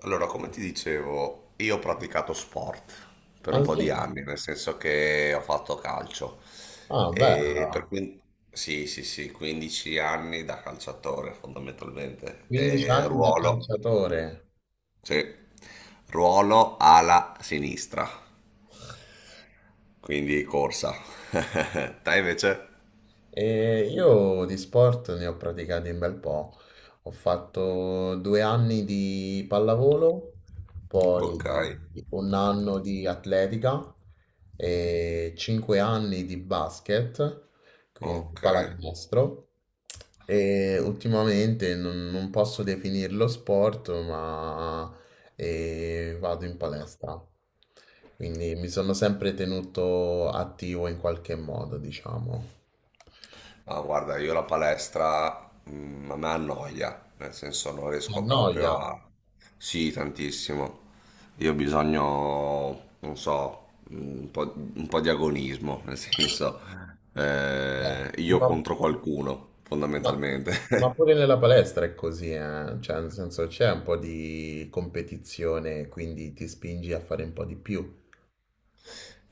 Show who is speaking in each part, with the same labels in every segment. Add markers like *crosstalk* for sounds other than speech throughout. Speaker 1: Allora, come ti dicevo, io ho praticato sport per un po'
Speaker 2: Anche.
Speaker 1: di anni, nel senso che ho fatto calcio.
Speaker 2: Ah, beh,
Speaker 1: E per quin- sì, sì, sì, 15 anni da calciatore fondamentalmente.
Speaker 2: 15
Speaker 1: E
Speaker 2: anni da
Speaker 1: ruolo,
Speaker 2: calciatore.
Speaker 1: sì, ruolo ala sinistra, quindi corsa. *laughs* Te invece?
Speaker 2: E io di sport ne ho praticati un bel po'. Ho fatto 2 anni di pallavolo,
Speaker 1: Ok,
Speaker 2: poi un anno di atletica e 5 anni di basket, quindi
Speaker 1: ok.
Speaker 2: pallacanestro. E ultimamente non posso definirlo sport, ma vado in palestra. Quindi mi sono sempre tenuto attivo in qualche modo, diciamo.
Speaker 1: Ah, guarda, io la palestra a me annoia, nel senso non
Speaker 2: Ti
Speaker 1: riesco
Speaker 2: annoia.
Speaker 1: proprio a... Sì, tantissimo. Io ho bisogno, non so, un po' di agonismo, nel senso
Speaker 2: Eh,
Speaker 1: io
Speaker 2: ma-
Speaker 1: contro qualcuno,
Speaker 2: No,
Speaker 1: fondamentalmente.
Speaker 2: ma
Speaker 1: *laughs*
Speaker 2: pure nella palestra è così, eh. Cioè, nel senso c'è un po' di competizione, quindi ti spingi a fare un po' di più.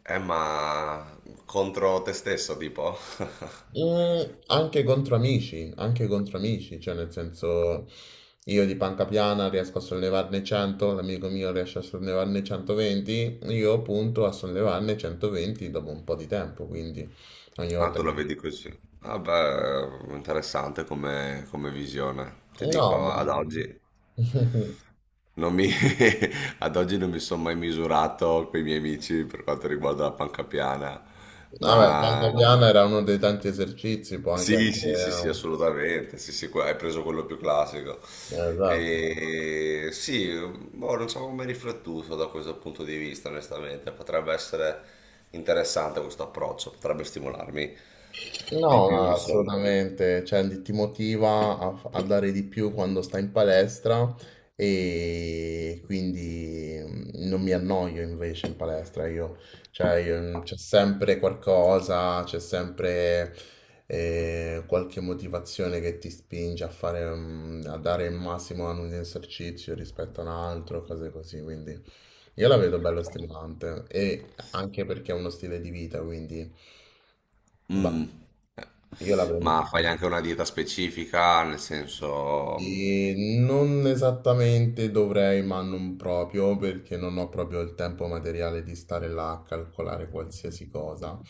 Speaker 1: Ma contro te stesso, tipo? *laughs*
Speaker 2: Mm, Anche contro amici, anche contro amici, cioè nel senso io di panca piana riesco a sollevarne 100, l'amico mio riesce a sollevarne 120, io punto a sollevarne 120 dopo un po' di tempo, quindi ogni
Speaker 1: Ah,
Speaker 2: volta
Speaker 1: tu la
Speaker 2: che.
Speaker 1: vedi così. Vabbè, interessante come visione. Ti
Speaker 2: No,
Speaker 1: dico,
Speaker 2: ma.
Speaker 1: ad oggi
Speaker 2: *laughs*
Speaker 1: non mi, *laughs* ad oggi non mi sono mai misurato con i miei amici per quanto riguarda la panca piana,
Speaker 2: Vabbè, panca
Speaker 1: ma
Speaker 2: piana era uno dei tanti esercizi, può anche
Speaker 1: sì, sì, sì, sì,
Speaker 2: essere.
Speaker 1: assolutamente. Sì, sì, hai preso quello più classico.
Speaker 2: Esatto.
Speaker 1: E sì, boh, non so come riflettuto da questo punto di vista, onestamente. Potrebbe essere interessante questo approccio, potrebbe stimolarmi di
Speaker 2: No,
Speaker 1: più,
Speaker 2: no,
Speaker 1: insomma.
Speaker 2: assolutamente, cioè, ti motiva a, a dare di più quando stai in palestra e quindi non mi annoio invece in palestra, io, cioè, c'è sempre qualcosa, c'è sempre qualche motivazione che ti spinge a fare, a dare il massimo ad un esercizio rispetto a un altro, cose così, quindi. Io la vedo bella stimolante e anche perché è uno stile di vita, quindi bah,
Speaker 1: Mm. Eh.
Speaker 2: io la prendo per
Speaker 1: Ma fai
Speaker 2: così.
Speaker 1: anche una dieta specifica, nel senso...
Speaker 2: E non esattamente dovrei, ma non proprio, perché non ho proprio il tempo materiale di stare là a calcolare qualsiasi cosa.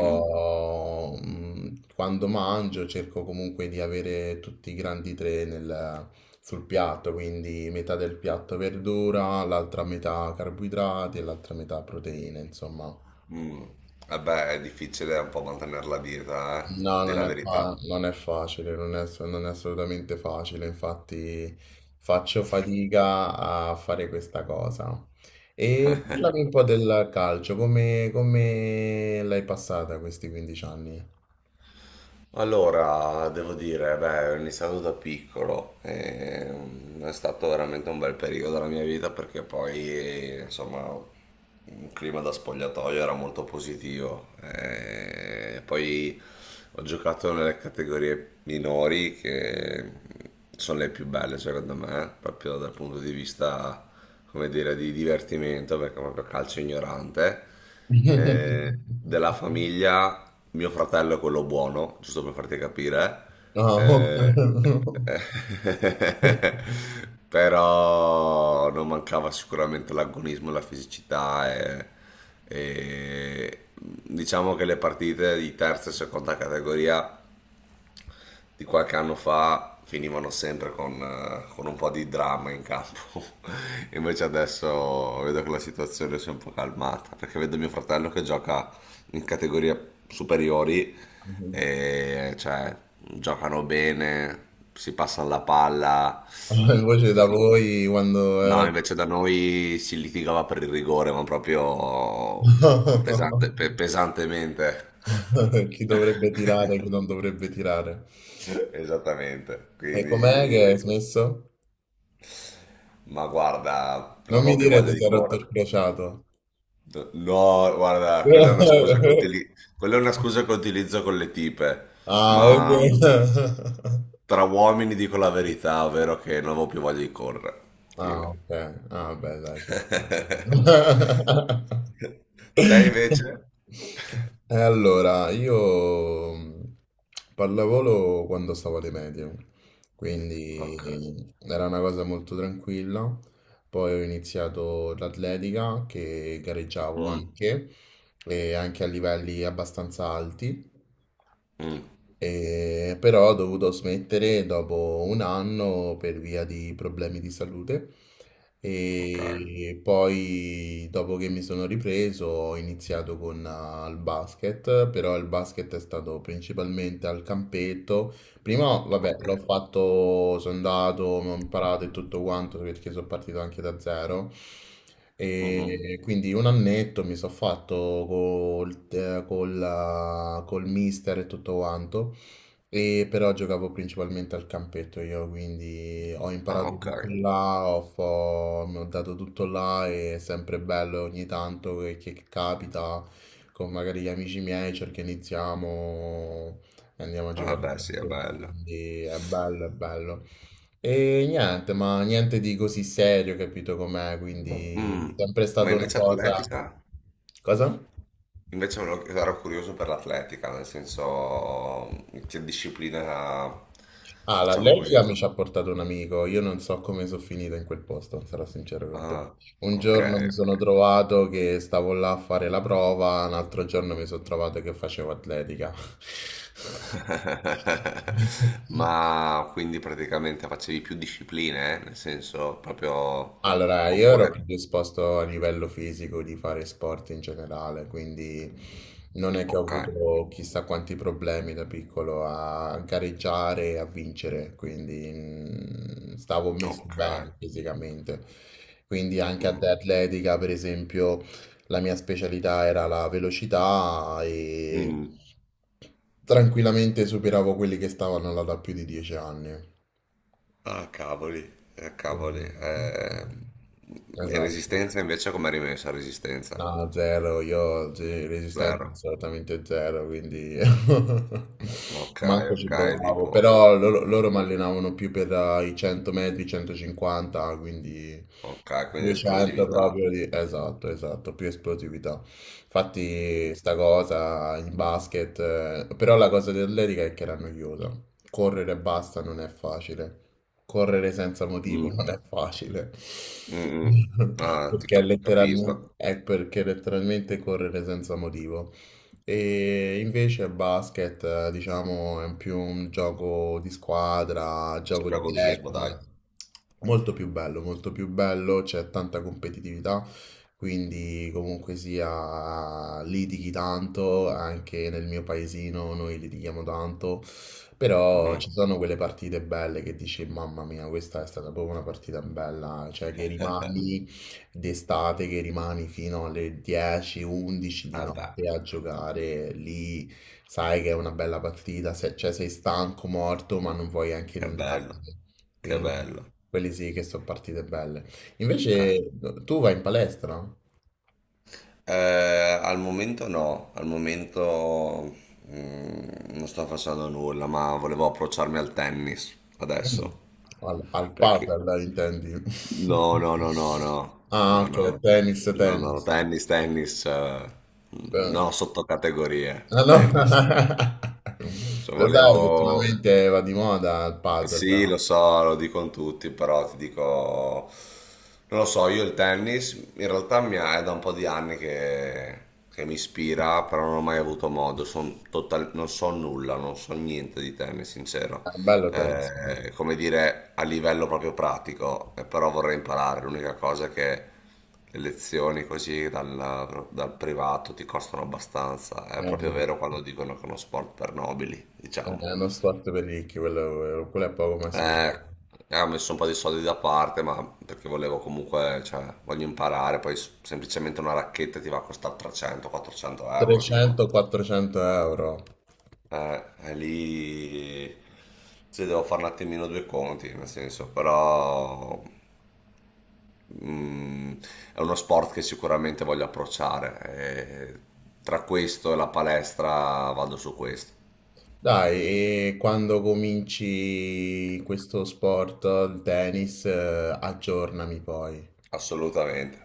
Speaker 1: Mm.
Speaker 2: quando mangio cerco comunque di avere tutti i grandi tre sul piatto, quindi metà del piatto verdura, l'altra metà carboidrati e l'altra metà proteine, insomma.
Speaker 1: Mm. Eh beh, è difficile un po' mantenere la dieta,
Speaker 2: No,
Speaker 1: della verità.
Speaker 2: non è facile, non è assolutamente facile, infatti faccio fatica a fare questa cosa. E parlami un po' del calcio, come l'hai passata questi 15 anni?
Speaker 1: Allora, devo dire, beh, ho iniziato da piccolo, e, è stato veramente un bel periodo della mia vita perché poi, insomma, un clima da spogliatoio era molto positivo. E poi ho giocato nelle categorie minori che sono le più belle secondo me, proprio dal punto di vista, come dire, di divertimento, perché è proprio calcio ignorante. Della
Speaker 2: *laughs*
Speaker 1: famiglia mio fratello è quello buono, giusto per farti capire.
Speaker 2: No.
Speaker 1: Eh,
Speaker 2: *laughs*
Speaker 1: eh, *laughs* però non mancava sicuramente l'agonismo, la fisicità e diciamo che le partite di terza e seconda categoria di qualche anno fa finivano sempre con un po' di dramma in campo. *laughs* Invece adesso vedo che la situazione si è un po' calmata, perché vedo mio fratello che gioca in categorie superiori e cioè giocano bene, si passa la palla.
Speaker 2: Invece da voi quando
Speaker 1: No,
Speaker 2: era. *laughs*
Speaker 1: invece da noi si litigava per il rigore, ma proprio pesantemente.
Speaker 2: Chi dovrebbe tirare, chi
Speaker 1: *laughs*
Speaker 2: non dovrebbe tirare.
Speaker 1: *laughs* Esattamente,
Speaker 2: E com'è
Speaker 1: quindi,
Speaker 2: che hai smesso?
Speaker 1: ma guarda, non
Speaker 2: Non mi
Speaker 1: avevo più
Speaker 2: dire che
Speaker 1: voglia
Speaker 2: ti
Speaker 1: di
Speaker 2: sei rotto il
Speaker 1: correre.
Speaker 2: crociato.
Speaker 1: No, guarda,
Speaker 2: *laughs*
Speaker 1: quella è una scusa che utilizzo con le tipe,
Speaker 2: Ah, ok.
Speaker 1: ma
Speaker 2: *laughs*
Speaker 1: tra uomini dico la verità, ovvero che non avevo più voglia di correre.
Speaker 2: Ah,
Speaker 1: Fine.
Speaker 2: ok. Ah, beh, dai, ci sta. *laughs*
Speaker 1: *laughs* Te invece?
Speaker 2: Eh, Allora, io pallavolo quando stavo alle medie,
Speaker 1: Ok.
Speaker 2: quindi era una cosa molto tranquilla. Poi ho iniziato l'atletica che gareggiavo
Speaker 1: Mm,
Speaker 2: anche, e anche a livelli abbastanza alti.
Speaker 1: mm,
Speaker 2: Però ho dovuto smettere dopo un anno per via di problemi di salute.
Speaker 1: ok,
Speaker 2: E poi, dopo che mi sono ripreso, ho iniziato con il basket, però il basket è stato principalmente al campetto. Prima, vabbè,
Speaker 1: ok.
Speaker 2: l'ho fatto, sono andato, ho imparato e tutto quanto perché sono partito anche da zero.
Speaker 1: Mhm.
Speaker 2: E quindi un annetto mi sono fatto col mister e tutto quanto. E però giocavo principalmente al campetto io, quindi ho
Speaker 1: Ah,
Speaker 2: imparato
Speaker 1: ok.
Speaker 2: tutto là, mi ho dato tutto là e è sempre bello ogni tanto che capita con magari gli amici miei, cerchiamo iniziamo. Andiamo a
Speaker 1: Ah,
Speaker 2: giocare a
Speaker 1: beh, sì, è
Speaker 2: calcio.
Speaker 1: bello.
Speaker 2: Quindi è bello, è bello. E niente, ma niente di così serio, capito com'è? Quindi è
Speaker 1: Mm,
Speaker 2: sempre
Speaker 1: ma
Speaker 2: stata una
Speaker 1: invece
Speaker 2: cosa.
Speaker 1: atletica?
Speaker 2: Cosa?
Speaker 1: Invece ero curioso per l'atletica, nel senso che disciplina,
Speaker 2: Ah,
Speaker 1: diciamo così.
Speaker 2: l'allergica mi ci ha portato un amico. Io non so come sono finito in quel posto, sarò sincero con te.
Speaker 1: Ah,
Speaker 2: Un
Speaker 1: ok,
Speaker 2: giorno mi
Speaker 1: ok.
Speaker 2: sono trovato che stavo là a fare la prova, un altro giorno mi sono trovato che facevo atletica.
Speaker 1: *laughs*
Speaker 2: *laughs*
Speaker 1: Ma quindi praticamente facevi più discipline, eh? Nel senso proprio...
Speaker 2: Allora, io ero
Speaker 1: Oppure...
Speaker 2: predisposto a livello fisico di fare sport in generale, quindi non è che ho
Speaker 1: Ok,
Speaker 2: avuto chissà quanti problemi da piccolo a gareggiare e a vincere, quindi stavo messo
Speaker 1: ok.
Speaker 2: bene fisicamente. Quindi anche ad
Speaker 1: Mm,
Speaker 2: atletica, per esempio, la mia specialità era la velocità e
Speaker 1: mm.
Speaker 2: tranquillamente superavo quelli che stavano là da più di 10 anni.
Speaker 1: Ah, cavoli, ah, cavoli.
Speaker 2: Quindi-
Speaker 1: E
Speaker 2: Esatto.
Speaker 1: resistenza invece come rimessa? Resistenza?
Speaker 2: No, zero, io sì, resistenza
Speaker 1: Zero.
Speaker 2: assolutamente zero, quindi *laughs*
Speaker 1: Ok,
Speaker 2: manco ci
Speaker 1: ok,
Speaker 2: provavo,
Speaker 1: tipo,
Speaker 2: però loro mi allenavano più per i 100 metri, 150, quindi.
Speaker 1: ok, quindi
Speaker 2: 200
Speaker 1: esplosività.
Speaker 2: proprio di. Esatto, esatto, più esplosività. Infatti sta cosa in basket, però la cosa dell'atletica è che era noiosa. Correre e basta non è facile. Correre senza motivo *laughs* non
Speaker 1: Mm,
Speaker 2: è facile.
Speaker 1: mm, mm.
Speaker 2: *laughs*
Speaker 1: Ah, ti
Speaker 2: Perché
Speaker 1: capisco.
Speaker 2: letteralmente, è perché letteralmente correre senza motivo. E invece il basket, diciamo, è più un gioco di squadra,
Speaker 1: C'è
Speaker 2: gioco
Speaker 1: più
Speaker 2: di
Speaker 1: agonismo, dai.
Speaker 2: tecnica, molto più bello, c'è tanta competitività, quindi comunque sia litighi tanto, anche nel mio paesino noi litighiamo tanto, però
Speaker 1: Mm.
Speaker 2: ci sono quelle partite belle che dici, mamma mia, questa è stata proprio una partita bella, cioè che
Speaker 1: *laughs*
Speaker 2: rimani d'estate che rimani fino alle 10, 11 di
Speaker 1: Ah, dai,
Speaker 2: notte a giocare lì, sai che è una bella partita, cioè sei stanco, morto, ma non vuoi anche
Speaker 1: che bello,
Speaker 2: andartene.
Speaker 1: che
Speaker 2: Quindi,
Speaker 1: bello.
Speaker 2: quelle sì che sono partite belle.
Speaker 1: Eh,
Speaker 2: Invece tu vai in palestra?
Speaker 1: al momento no, al momento non sto facendo nulla, ma volevo approcciarmi al tennis
Speaker 2: Mm.
Speaker 1: adesso.
Speaker 2: Al
Speaker 1: Perché?
Speaker 2: padel, intendi? *laughs*
Speaker 1: No, no, no, no, no,
Speaker 2: Ah,
Speaker 1: no,
Speaker 2: ok,
Speaker 1: no,
Speaker 2: tennis,
Speaker 1: no, no,
Speaker 2: tennis, sì.
Speaker 1: tennis, tennis,
Speaker 2: Beh,
Speaker 1: no, sottocategorie,
Speaker 2: allora,
Speaker 1: tennis.
Speaker 2: *laughs*
Speaker 1: Cioè,
Speaker 2: lo sai che
Speaker 1: volevo...
Speaker 2: ultimamente va di moda il padel,
Speaker 1: Sì, lo so, lo dicono tutti, però ti dico... Non lo so, io il tennis in realtà è da un po' di anni che, mi ispira, però non ho mai avuto modo, non so nulla, non so niente di tennis, sincero.
Speaker 2: è un bello tennis, no?
Speaker 1: Come dire, a livello proprio pratico, però vorrei imparare. L'unica cosa è che le lezioni così dal privato ti costano abbastanza. È
Speaker 2: È,
Speaker 1: proprio
Speaker 2: un-
Speaker 1: vero quando dicono che è uno sport per nobili,
Speaker 2: è
Speaker 1: diciamo.
Speaker 2: uno sport per ricchi, quello è poco ma sì.
Speaker 1: Eh, ho messo un po' di soldi da parte, ma perché volevo comunque, cioè, voglio imparare, poi semplicemente una racchetta ti va a costare 300-400 euro, tipo.
Speaker 2: 300-400 euro.
Speaker 1: E lì, cioè, devo fare un attimino due conti, nel senso, però mm, è uno sport che sicuramente voglio approcciare. E tra questo e la palestra vado su questo,
Speaker 2: Dai, e quando cominci questo sport, il tennis, aggiornami poi.
Speaker 1: assolutamente.